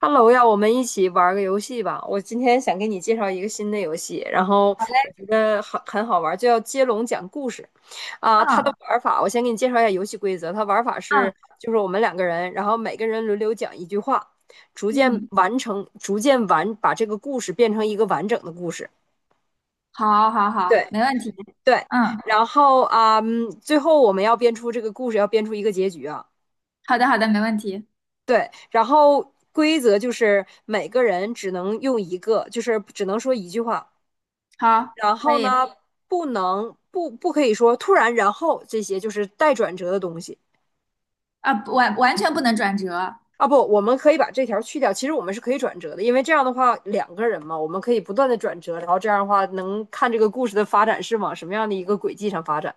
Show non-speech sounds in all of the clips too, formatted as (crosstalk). Hello 呀，我们一起玩儿个游戏吧。我今天想给你介绍一个新的游戏，然后好嘞。我觉得很好玩儿，就叫接龙讲故事。它的嗯玩法我先给你介绍一下游戏规则。它玩法嗯是，就是我们两个人，然后每个人轮流讲一句话，逐渐嗯，完成，逐渐完把这个故事变成一个完整的故事。好，好，好，对没问题。对，嗯，然后最后我们要编出这个故事，要编出一个结局啊。好的，好的，没问题。对，然后规则就是每个人只能用一个，就是只能说一句话。好，然可后以呢，不能不不可以说突然然后这些就是带转折的东西啊。不，完完全不能转折。啊。不，我们可以把这条去掉。其实我们是可以转折的，因为这样的话两个人嘛，我们可以不断的转折，然后这样的话能看这个故事的发展是往什么样的一个轨迹上发展。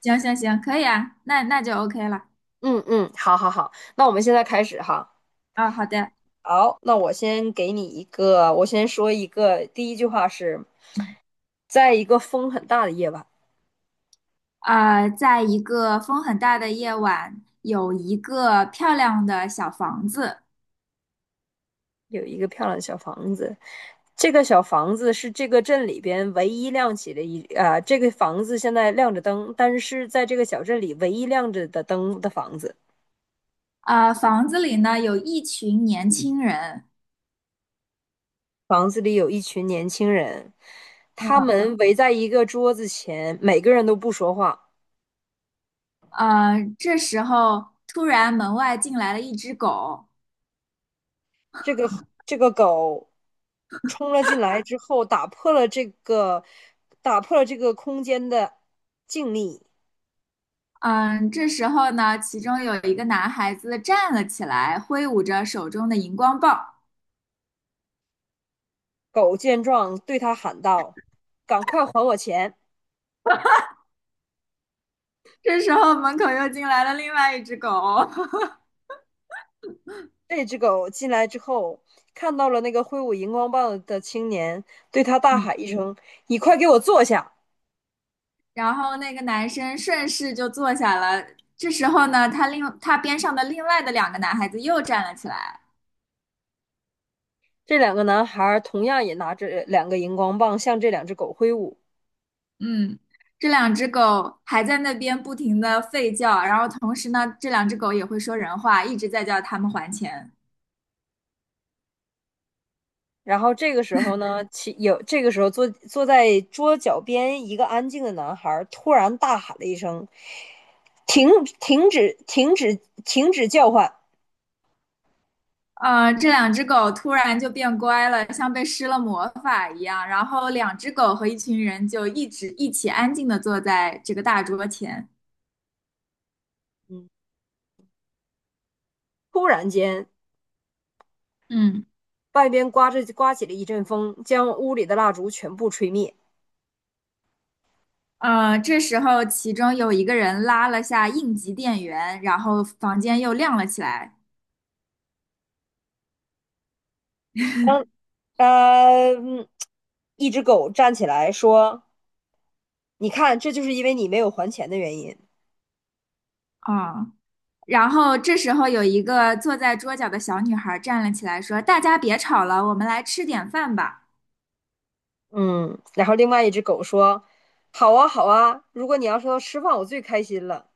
行，可以啊，那就 OK 了。嗯嗯，好好好，那我们现在开始哈。啊，好的。好，那我先给你一个，我先说一个，第一句话是，在一个风很大的夜晚，在一个风很大的夜晚，有一个漂亮的小房子。有一个漂亮的小房子，这个小房子是这个镇里边唯一亮起的这个房子现在亮着灯，但是在这个小镇里唯一亮着的灯的房子，房子里呢有一群年轻人。房子里有一群年轻人，他嗯。们围在一个桌子前，每个人都不说话，这时候突然门外进来了一只狗。这个这个狗冲了进来之后，打破了这个空间的静谧。嗯。这时候呢，其中有一个男孩子站了起来，挥舞着手中的荧光棒。狗见状，对他喊道：“赶快还我钱！”这时候门口又进来了另外一只狗，这只狗进来之后，看到了那个挥舞荧光棒的青年，对他 (laughs) 大嗯，喊一声：“你快给我坐下！”然后那个男生顺势就坐下了。这时候呢，他边上的另外的两个男孩子又站了起来。这两个男孩儿同样也拿着两个荧光棒向这两只狗挥舞。嗯。这两只狗还在那边不停的吠叫，然后同时呢，这两只狗也会说人话，一直在叫他们还钱。然后这个时候呢，其有这个时候坐坐在桌角边一个安静的男孩突然大喊了一声：“停！停止！停止！停止叫唤！”这两只狗突然就变乖了，像被施了魔法一样。然后两只狗和一群人就一直一起安静地坐在这个大桌前。嗯，突然间，嗯。外边刮起了一阵风，将屋里的蜡烛全部吹灭。这时候其中有一个人拉了下应急电源，然后房间又亮了起来。当呃，嗯一只狗站起来说：“你看，这就是因为你没有还钱的原因。”啊、然后这时候有一个坐在桌角的小女孩站了起来，说："大家别吵了，我们来吃点饭吧。"嗯，然后另外一只狗说：“好啊，好啊，如果你要说吃饭，我最开心了。”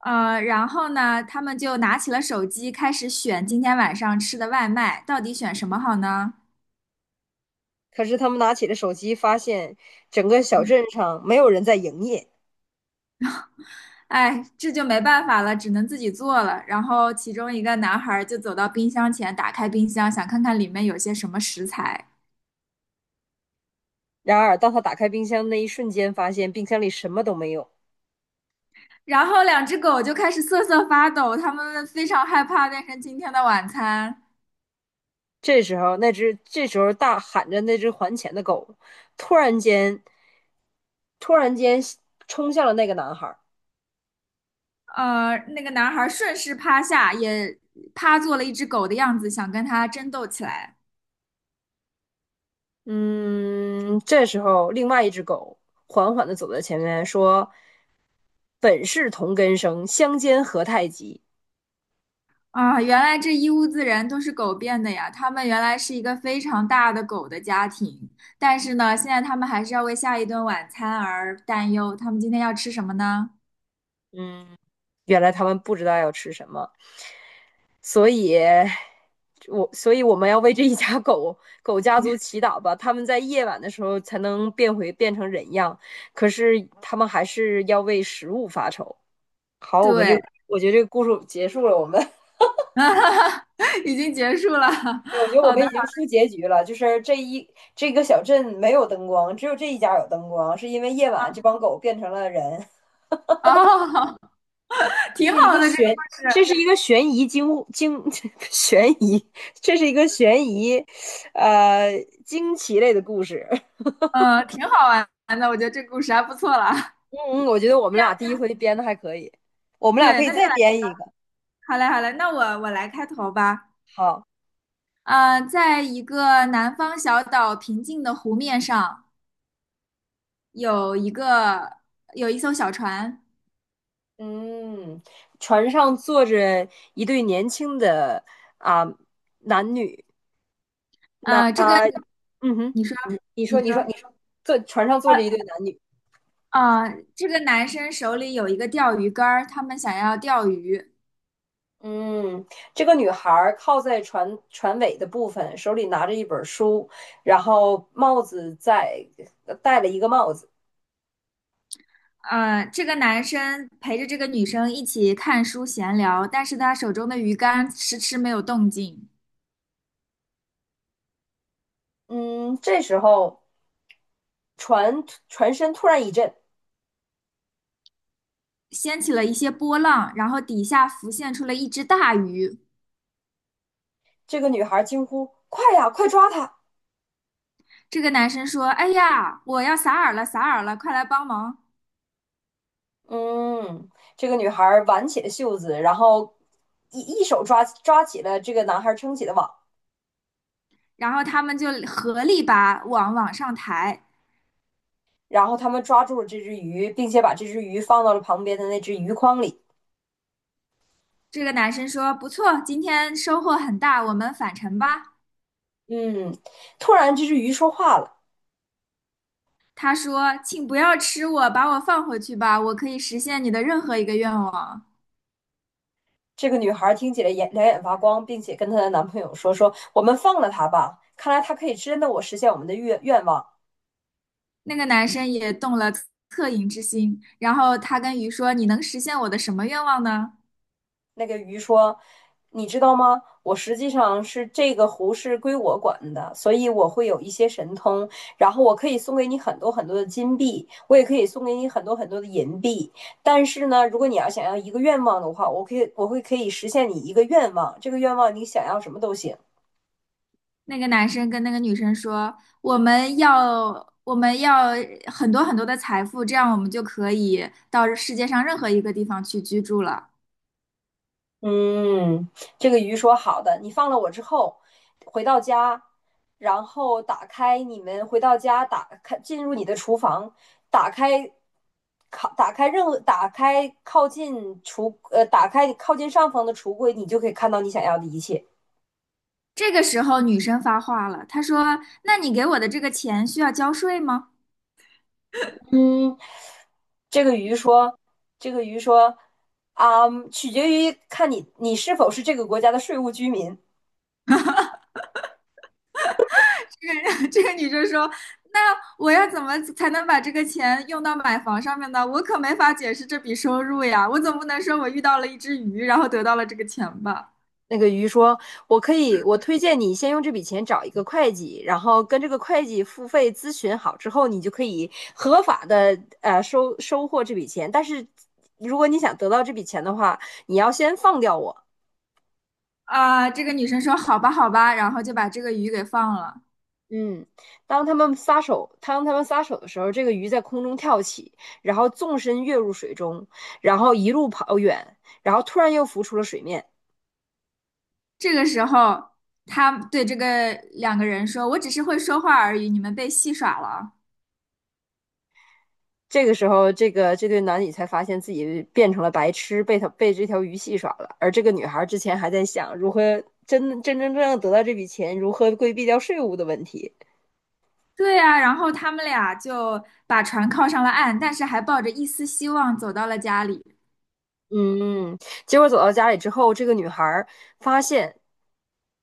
然后呢，他们就拿起了手机，开始选今天晚上吃的外卖，到底选什么好呢？可是他们拿起了手机，发现整个小镇上没有人在营业。哎，这就没办法了，只能自己做了。然后其中一个男孩儿就走到冰箱前，打开冰箱，想看看里面有些什么食材。然而，当他打开冰箱那一瞬间，发现冰箱里什么都没有。然后两只狗就开始瑟瑟发抖，它们非常害怕变成今天的晚餐。这时候，大喊着那只还钱的狗，突然间，突然间冲向了那个男孩。那个男孩儿顺势趴下，也趴做了一只狗的样子，想跟它争斗起来。嗯，这时候另外一只狗缓缓地走在前面，说：“本是同根生，相煎何太急。”啊，原来这一屋子人都是狗变的呀！他们原来是一个非常大的狗的家庭，但是呢，现在他们还是要为下一顿晚餐而担忧。他们今天要吃什么呢？原来他们不知道要吃什么。所以，我们要为这一家狗家族祈祷吧，他们在夜晚的时候才能变成人样，可是他们还是要为食物发愁。好，对。我觉得这个故事结束了，(laughs) 已经结束了。对，我觉得我好们的。已经出结局了，就是这个小镇没有灯光，只有这一家有灯光，是因为夜晚这帮狗变成了人。哦，这挺是一好个的这个悬，故事。这是一个悬疑惊惊 (laughs) 悬疑，这是一个悬疑，呃，惊奇类的故事。(laughs) 嗯，挺好玩的，我觉得这个故事还不错了。嗯，我觉得我们俩第一回编的还可以，我们俩对，可以那就再来。编一个。好嘞，好嘞，那我来开头吧。好，在一个南方小岛平静的湖面上。有一个有一艘小船。嗯，船上坐着一对年轻的啊、男女，那呃，这个啊、嗯哼，你说你你说，你说，说你说，坐船上坐呃着一对男女。啊，这个男生手里有一个钓鱼竿儿，他们想要钓鱼。嗯，这个女孩儿靠在船尾的部分，手里拿着一本书，然后帽子在呃戴了一个帽子。这个男生陪着这个女生一起看书闲聊，但是他手中的鱼竿迟迟没有动静，嗯，这时候船船身突然一震，掀起了一些波浪，然后底下浮现出了一只大鱼。这个女孩儿惊呼：“快呀，快抓她！”这个男生说："哎呀，我要撒饵了，撒饵了，快来帮忙！"嗯，这个女孩儿挽起了袖子，然后一手抓起了这个男孩儿撑起的网，然后他们就合力把网往上抬。然后他们抓住了这只鱼，并且把这只鱼放到了旁边的那只鱼筐里。这个男生说："不错，今天收获很大，我们返程吧。"嗯，突然这只鱼说话了。他说："请不要吃我，把我放回去吧，我可以实现你的任何一个愿望。"这个女孩听起来眼两眼发光，并且跟她的男朋友说：“说我们放了他吧，看来他可以真的我实现我们的愿望。”那个男生也动了恻隐之心，然后他跟鱼说："你能实现我的什么愿望呢？"那个鱼说：“你知道吗？我实际上是这个湖是归我管的，所以我会有一些神通，然后我可以送给你很多很多的金币，我也可以送给你很多很多的银币。但是呢，如果你要想要一个愿望的话，我可以实现你一个愿望，这个愿望你想要什么都行。”那个男生跟那个女生说："我们要，我们要很多很多的财富，这样我们就可以到世界上任何一个地方去居住了。"嗯，这个鱼说好的，你放了我之后，回到家，然后你们回到家，进入你的厨房，打开靠打开任何打开靠近橱呃打开靠近上方的橱柜，你就可以看到你想要的一切。这个时候，女生发话了，她说："那你给我的这个钱需要交税吗？" 嗯，这个鱼说，这个鱼说，啊，取决于看你是否是这个国家的税务居民。(laughs) 这个女生说："那我要怎么才能把这个钱用到买房上面呢？我可没法解释这笔收入呀，我总不能说我遇到了一只鱼，然后得到了这个钱吧？"那个鱼说：“我可以，我推荐你先用这笔钱找一个会计，然后跟这个会计付费咨询好之后，你就可以合法的收获这笔钱。但是如果你想得到这笔钱的话，你要先放掉我。”啊、这个女生说："好吧，好吧。"然后就把这个鱼给放了。嗯，当他们撒手的时候，这个鱼在空中跳起，然后纵身跃入水中，然后一路跑远，然后突然又浮出了水面。这个时候，他对这个两个人说："我只是会说话而已，你们被戏耍了啊。"这个时候，这个这对男女才发现自己变成了白痴，被这条鱼戏耍了。而这个女孩之前还在想如何真正得到这笔钱，如何规避掉税务的问题。对呀、然后他们俩就把船靠上了岸，但是还抱着一丝希望走到了家里。嗯，结果走到家里之后，这个女孩发现，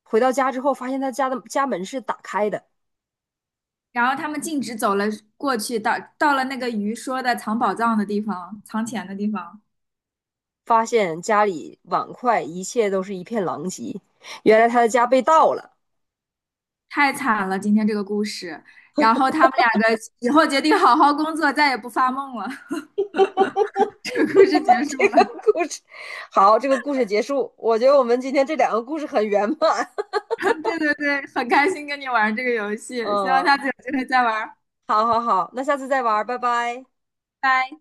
回到家之后发现她家的家门是打开的，然后他们径直走了过去，到了那个鱼说的藏宝藏的地方，藏钱的地方。发现家里碗筷一切都是一片狼藉，原来她的家被盗了。太惨了，今天这个故事。然后他们两个以后决定好好工作，再也不发梦了。(laughs) 这个故事结 (laughs) 束这个了。故事，好，这个故事结束。我觉得我们今天这两个故事很圆满。(laughs) 对对对，很开心跟你玩这个游 (laughs) 嗯，戏，希望下次有机会再玩。好好好，那下次再玩儿，拜拜。拜。